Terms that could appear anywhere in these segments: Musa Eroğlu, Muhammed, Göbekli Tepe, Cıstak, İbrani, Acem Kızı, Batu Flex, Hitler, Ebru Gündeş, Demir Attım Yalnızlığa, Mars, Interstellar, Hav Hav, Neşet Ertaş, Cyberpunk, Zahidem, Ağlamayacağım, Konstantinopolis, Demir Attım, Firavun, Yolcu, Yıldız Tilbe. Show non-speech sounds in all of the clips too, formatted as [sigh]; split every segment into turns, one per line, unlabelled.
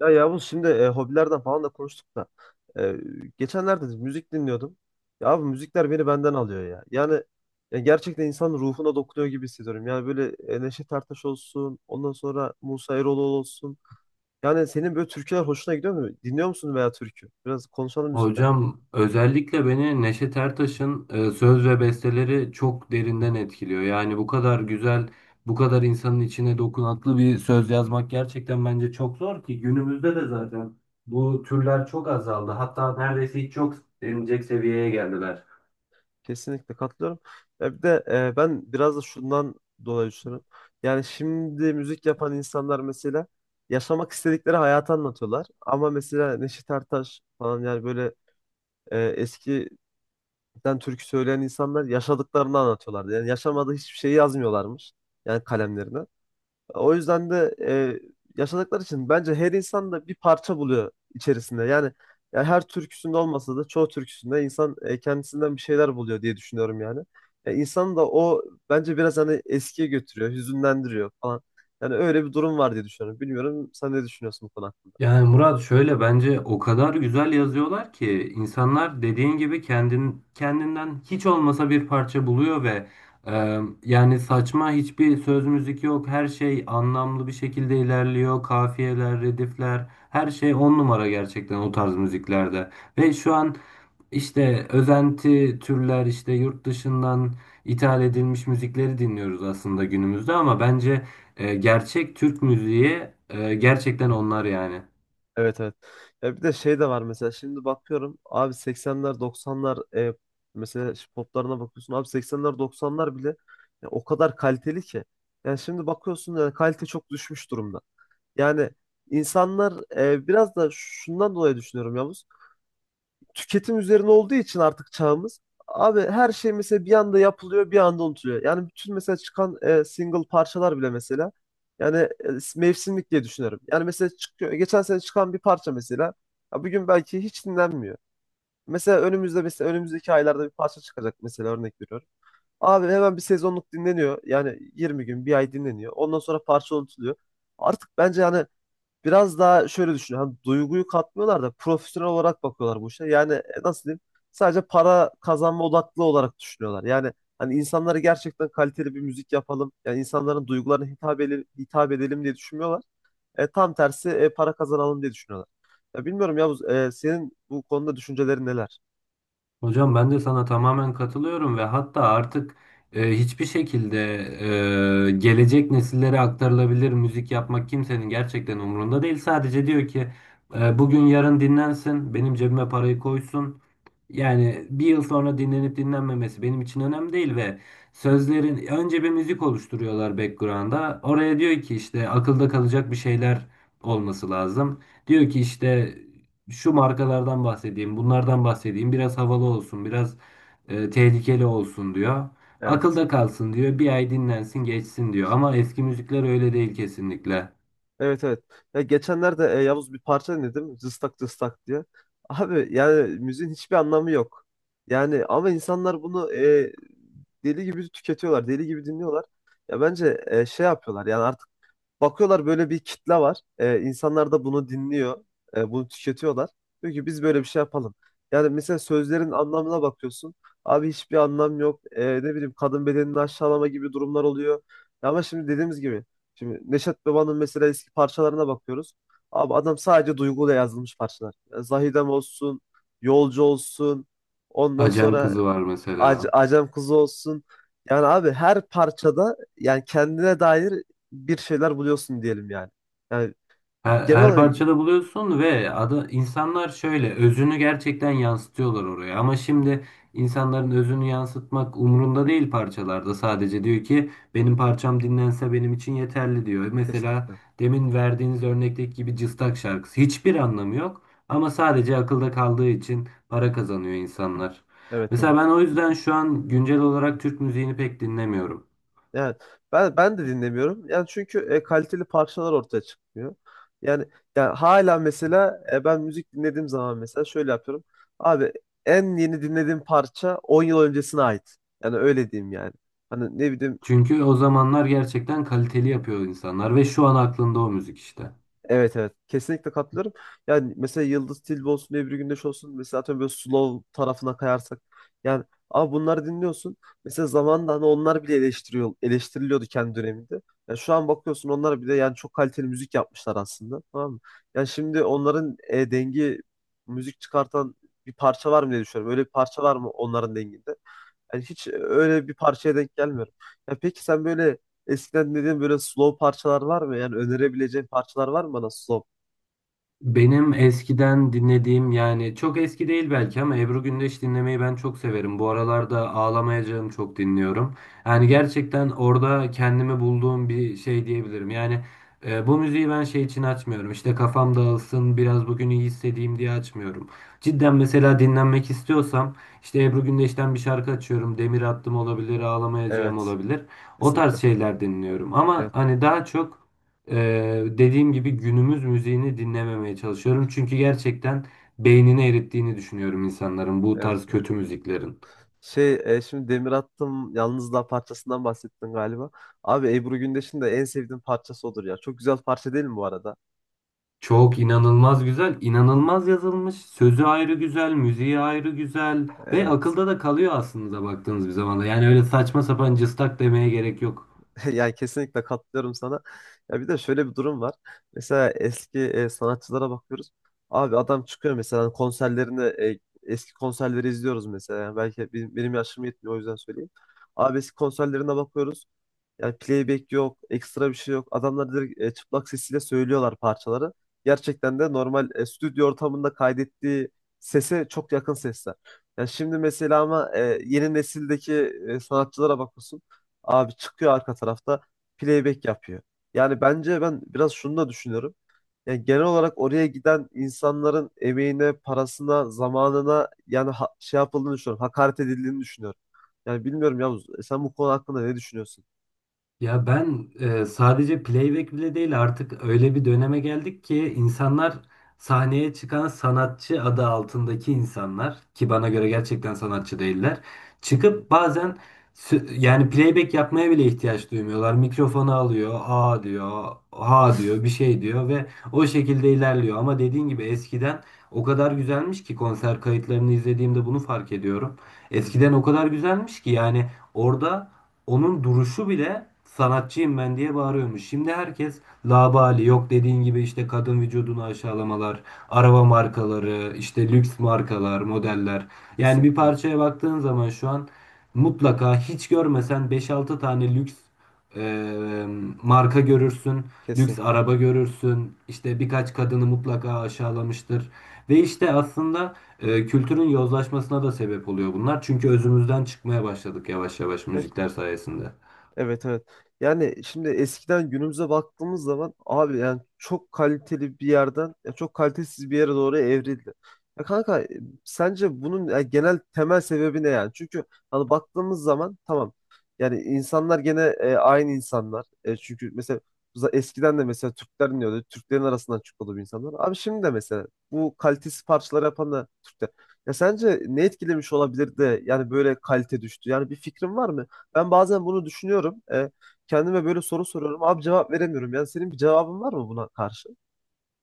Ya Yavuz şimdi hobilerden falan da konuştuk da e, geçenlerde de müzik dinliyordum. Ya abi müzikler beni benden alıyor ya. Yani ya gerçekten insanın ruhuna dokunuyor gibi hissediyorum. Yani böyle Neşet Ertaş olsun, ondan sonra Musa Eroğlu olsun. Yani senin böyle türküler hoşuna gidiyor mu? Dinliyor musun veya türkü? Biraz konuşalım müzikten.
Hocam özellikle beni Neşet Ertaş'ın söz ve besteleri çok derinden etkiliyor. Yani bu kadar güzel, bu kadar insanın içine dokunaklı bir söz yazmak gerçekten bence çok zor ki günümüzde de zaten bu türler çok azaldı. Hatta neredeyse hiç yok denilecek seviyeye geldiler.
Kesinlikle katılıyorum. Ya bir de ben biraz da şundan dolayı düşünüyorum. Yani şimdi müzik yapan insanlar mesela yaşamak istedikleri hayatı anlatıyorlar. Ama mesela Neşet Ertaş falan yani böyle eskiden türkü söyleyen insanlar yaşadıklarını anlatıyorlardı. Yani yaşamadığı hiçbir şeyi yazmıyorlarmış. Yani kalemlerine. O yüzden de yaşadıkları için bence her insan da bir parça buluyor içerisinde. Yani, yani her türküsünde olmasa da çoğu türküsünde insan kendisinden bir şeyler buluyor diye düşünüyorum yani. İnsanı da o bence biraz hani eskiye götürüyor, hüzünlendiriyor falan. Yani öyle bir durum var diye düşünüyorum. Bilmiyorum sen ne düşünüyorsun bu konu.
Yani Murat şöyle bence o kadar güzel yazıyorlar ki insanlar dediğin gibi kendin, kendinden hiç olmasa bir parça buluyor ve yani saçma hiçbir söz müzik yok. Her şey anlamlı bir şekilde ilerliyor. Kafiyeler, redifler her şey on numara gerçekten o tarz müziklerde. Ve şu an işte özenti türler işte yurt dışından ithal edilmiş müzikleri dinliyoruz aslında günümüzde ama bence gerçek Türk müziği gerçekten onlar yani.
Evet, evet. Ya bir de şey de var mesela şimdi bakıyorum abi 80'ler 90'lar mesela şu poplarına bakıyorsun abi 80'ler 90'lar bile ya o kadar kaliteli ki. Yani şimdi bakıyorsun yani kalite çok düşmüş durumda. Yani insanlar biraz da şundan dolayı düşünüyorum ya tüketim üzerine olduğu için artık çağımız abi her şey mesela bir anda yapılıyor bir anda unutuluyor. Yani bütün mesela çıkan single parçalar bile mesela yani mevsimlik diye düşünüyorum. Yani mesela çıkıyor geçen sene çıkan bir parça mesela ya bugün belki hiç dinlenmiyor. Mesela önümüzde önümüzdeki aylarda bir parça çıkacak mesela örnek veriyorum. Abi hemen bir sezonluk dinleniyor. Yani 20 gün, bir ay dinleniyor. Ondan sonra parça unutuluyor. Artık bence yani biraz daha şöyle düşün. Hani duyguyu katmıyorlar da profesyonel olarak bakıyorlar bu işe. Yani nasıl diyeyim? Sadece para kazanma odaklı olarak düşünüyorlar. Yani hani insanlara gerçekten kaliteli bir müzik yapalım. Yani insanların duygularına hitap edelim, hitap edelim diye düşünmüyorlar. Tam tersi para kazanalım diye düşünüyorlar. Ya bilmiyorum ya senin bu konuda düşüncelerin neler?
Hocam ben de sana tamamen katılıyorum ve hatta artık hiçbir şekilde gelecek nesillere aktarılabilir müzik yapmak kimsenin gerçekten umurunda değil. Sadece diyor ki bugün yarın dinlensin, benim cebime parayı koysun. Yani bir yıl sonra dinlenip dinlenmemesi benim için önemli değil ve sözlerin önce bir müzik oluşturuyorlar background'a. Oraya diyor ki işte akılda kalacak bir şeyler olması lazım. Diyor ki işte şu markalardan bahsedeyim, bunlardan bahsedeyim. Biraz havalı olsun, biraz tehlikeli olsun diyor.
Evet.
Akılda kalsın diyor. Bir ay dinlensin, geçsin diyor. Ama eski müzikler öyle değil kesinlikle.
Evet, evet. Ya geçenlerde Yavuz bir parça dinledim. Cıstak cıstak diye. Abi yani müziğin hiçbir anlamı yok. Yani ama insanlar bunu deli gibi tüketiyorlar. Deli gibi dinliyorlar. Ya bence şey yapıyorlar. Yani artık bakıyorlar böyle bir kitle var. İnsanlar da bunu dinliyor, bunu tüketiyorlar. Diyor ki biz böyle bir şey yapalım. Yani mesela sözlerin anlamına bakıyorsun. Abi hiçbir anlam yok. Ne bileyim kadın bedenini aşağılama gibi durumlar oluyor. Ya ama şimdi dediğimiz gibi. Şimdi Neşet Baba'nın mesela eski parçalarına bakıyoruz. Abi adam sadece duyguyla yazılmış parçalar. Yani Zahidem olsun, Yolcu olsun. Ondan
Acem
sonra
Kızı var mesela.
Acem Kızı olsun. Yani abi her parçada yani kendine dair bir şeyler buluyorsun diyelim yani. Yani
Her,
genel
her
olarak
parçada buluyorsun ve ada, insanlar şöyle özünü gerçekten yansıtıyorlar oraya. Ama şimdi insanların özünü yansıtmak umurunda değil parçalarda. Sadece diyor ki benim parçam dinlense benim için yeterli diyor. Mesela
kesinlikle.
demin verdiğiniz örnekteki gibi Cıstak şarkısı. Hiçbir anlamı yok ama sadece akılda kaldığı için para kazanıyor insanlar.
Evet,
Mesela
evet.
ben o yüzden şu an güncel olarak Türk müziğini pek dinlemiyorum.
Yani ben de dinlemiyorum. Yani çünkü kaliteli parçalar ortaya çıkmıyor. Yani yani hala mesela ben müzik dinlediğim zaman mesela şöyle yapıyorum. Abi en yeni dinlediğim parça 10 yıl öncesine ait. Yani öyle diyeyim yani. Hani ne bileyim
Çünkü o zamanlar gerçekten kaliteli yapıyor insanlar ve şu an aklında o müzik işte.
evet, evet kesinlikle katılıyorum. Yani mesela Yıldız Tilbe olsun Ebru Gündeş olsun mesela atıyorum böyle slow tarafına kayarsak yani abi bunları dinliyorsun. Mesela zamanında hani onlar bile eleştiriliyordu kendi döneminde. Yani şu an bakıyorsun onlar bile yani çok kaliteli müzik yapmışlar aslında tamam mı? Yani şimdi onların dengi müzik çıkartan bir parça var mı diye düşünüyorum. Öyle bir parça var mı onların denginde? Yani hiç öyle bir parçaya denk gelmiyorum. Ya peki sen böyle eskiden dediğin böyle slow parçalar var mı? Yani önerebileceğin parçalar var mı bana slow?
Benim eskiden dinlediğim yani çok eski değil belki ama Ebru Gündeş dinlemeyi ben çok severim. Bu aralarda Ağlamayacağım çok dinliyorum.
Hı
Yani
hı.
gerçekten orada kendimi bulduğum bir şey diyebilirim. Yani bu müziği ben şey için açmıyorum. İşte kafam dağılsın biraz bugün iyi hissedeyim diye açmıyorum. Cidden mesela dinlenmek istiyorsam işte Ebru Gündeş'ten bir şarkı açıyorum. Demir Attım olabilir, Ağlamayacağım
Evet.
olabilir. O tarz
Kesinlikle.
şeyler dinliyorum. Ama
Evet.
hani daha çok dediğim gibi günümüz müziğini dinlememeye çalışıyorum. Çünkü gerçekten beynini erittiğini düşünüyorum insanların bu
Evet.
tarz
Evet.
kötü müziklerin.
Şey şimdi Demir Attım Yalnızlığa parçasından bahsettin galiba. Abi Ebru Gündeş'in de en sevdiğim parçası odur ya. Çok güzel parça değil mi bu arada?
Çok inanılmaz güzel, inanılmaz yazılmış. Sözü ayrı güzel, müziği ayrı güzel ve
Evet.
akılda da kalıyor aslında baktığınız bir zamanda. Yani öyle saçma sapan cıstak demeye gerek yok.
[laughs] Yani kesinlikle katılıyorum sana. Ya bir de şöyle bir durum var. Mesela eski sanatçılara bakıyoruz. Abi adam çıkıyor mesela hani konserlerini eski konserleri izliyoruz mesela. Yani belki benim yaşım yetmiyor o yüzden söyleyeyim. Abi eski konserlerine bakıyoruz. Yani playback yok, ekstra bir şey yok. Adamlar direkt çıplak sesiyle söylüyorlar parçaları. Gerçekten de normal stüdyo ortamında kaydettiği sese çok yakın sesler. Yani şimdi mesela ama yeni nesildeki sanatçılara bakıyorsun. Abi çıkıyor arka tarafta playback yapıyor. Yani bence ben biraz şunu da düşünüyorum. Yani genel olarak oraya giden insanların emeğine, parasına, zamanına yani şey yapıldığını düşünüyorum. Hakaret edildiğini düşünüyorum. Yani bilmiyorum Yavuz, sen bu konu hakkında ne düşünüyorsun?
Ya ben sadece playback bile değil artık öyle bir döneme geldik ki insanlar sahneye çıkan sanatçı adı altındaki insanlar ki bana göre gerçekten sanatçı değiller
Hı hı.
çıkıp bazen yani playback yapmaya bile ihtiyaç duymuyorlar. Mikrofonu alıyor, a diyor, ha diyor, bir şey diyor ve o şekilde ilerliyor. Ama dediğin gibi eskiden o kadar güzelmiş ki konser kayıtlarını izlediğimde bunu fark ediyorum.
Hı
Eskiden
hı.
o kadar güzelmiş ki yani orada onun duruşu bile sanatçıyım ben diye bağırıyormuş. Şimdi herkes labali yok dediğin gibi işte kadın vücudunu aşağılamalar, araba markaları, işte lüks markalar, modeller. Yani bir
Kesinlikle.
parçaya baktığın zaman şu an mutlaka hiç görmesen beş altı tane lüks e, marka görürsün, lüks
Kesinlikle.
araba görürsün, işte birkaç kadını mutlaka aşağılamıştır. Ve işte aslında kültürün yozlaşmasına da sebep oluyor bunlar. Çünkü özümüzden çıkmaya başladık yavaş yavaş
Ya
müzikler sayesinde.
evet, evet. Yani şimdi eskiden günümüze baktığımız zaman abi yani çok kaliteli bir yerden ya çok kalitesiz bir yere doğru evrildi. Ya kanka sence bunun ya genel temel sebebi ne yani? Çünkü hani baktığımız zaman tamam yani insanlar gene aynı insanlar. Çünkü mesela eskiden de mesela Türkler iniyordu. Türklerin arasından çıkıyordu bu insanlar. Abi şimdi de mesela bu kalitesiz parçalar yapan da Türkler. Ya sence ne etkilemiş olabilir de yani böyle kalite düştü? Yani bir fikrin var mı? Ben bazen bunu düşünüyorum. Kendime böyle soru soruyorum. Abi cevap veremiyorum. Yani senin bir cevabın var mı buna karşı?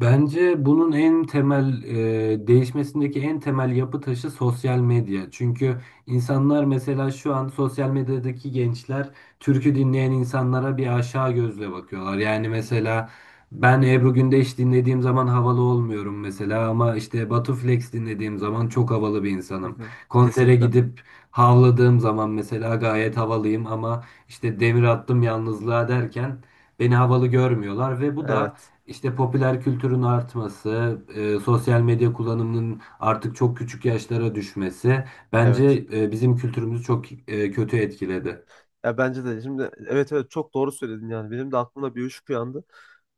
Bence bunun en temel değişmesindeki en temel yapı taşı sosyal medya. Çünkü insanlar mesela şu an sosyal medyadaki gençler türkü dinleyen insanlara bir aşağı gözle bakıyorlar. Yani mesela ben Ebru Gündeş dinlediğim zaman havalı olmuyorum mesela ama işte Batu Flex dinlediğim zaman çok havalı bir
Hı
insanım.
hı.
Konsere
Kesinlikle.
gidip havladığım zaman mesela gayet havalıyım ama işte demir attım yalnızlığa derken beni havalı görmüyorlar ve bu da
Evet.
işte popüler kültürün artması, sosyal medya kullanımının artık çok küçük yaşlara düşmesi
Evet.
bence bizim kültürümüzü çok kötü etkiledi.
Ya bence de şimdi evet, evet çok doğru söyledin yani. Benim de aklımda bir ışık uyandı.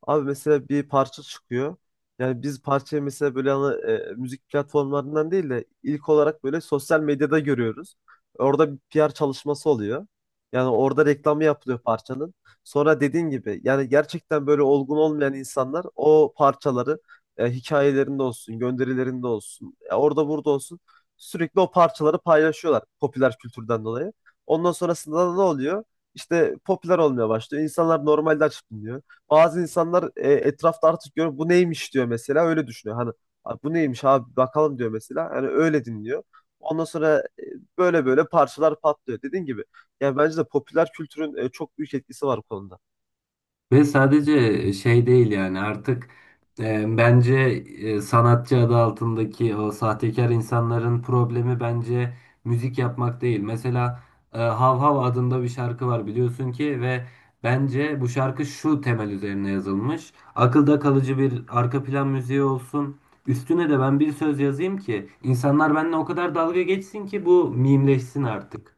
Abi mesela bir parça çıkıyor. Yani biz parçayı mesela böyle hani, müzik platformlarından değil de ilk olarak böyle sosyal medyada görüyoruz. Orada bir PR çalışması oluyor. Yani orada reklamı yapılıyor parçanın. Sonra dediğin gibi yani gerçekten böyle olgun olmayan insanlar o parçaları hikayelerinde olsun, gönderilerinde olsun, orada burada olsun sürekli o parçaları paylaşıyorlar popüler kültürden dolayı. Ondan sonrasında da ne oluyor? İşte popüler olmaya başlıyor. İnsanlar normalde açıp dinliyor. Bazı insanlar etrafta artık görüyor bu neymiş diyor mesela öyle düşünüyor. Hani "Abi bu neymiş abi bakalım" diyor mesela. Yani öyle dinliyor. Ondan sonra böyle böyle parçalar patlıyor. Dediğin gibi yani bence de popüler kültürün çok büyük etkisi var bu konuda.
Ve sadece şey değil yani artık bence sanatçı adı altındaki o sahtekar insanların problemi bence müzik yapmak değil. Mesela Hav Hav adında bir şarkı var biliyorsun ki ve bence bu şarkı şu temel üzerine yazılmış. Akılda kalıcı bir arka plan müziği olsun. Üstüne de ben bir söz yazayım ki insanlar benimle o kadar dalga geçsin ki bu mimleşsin artık.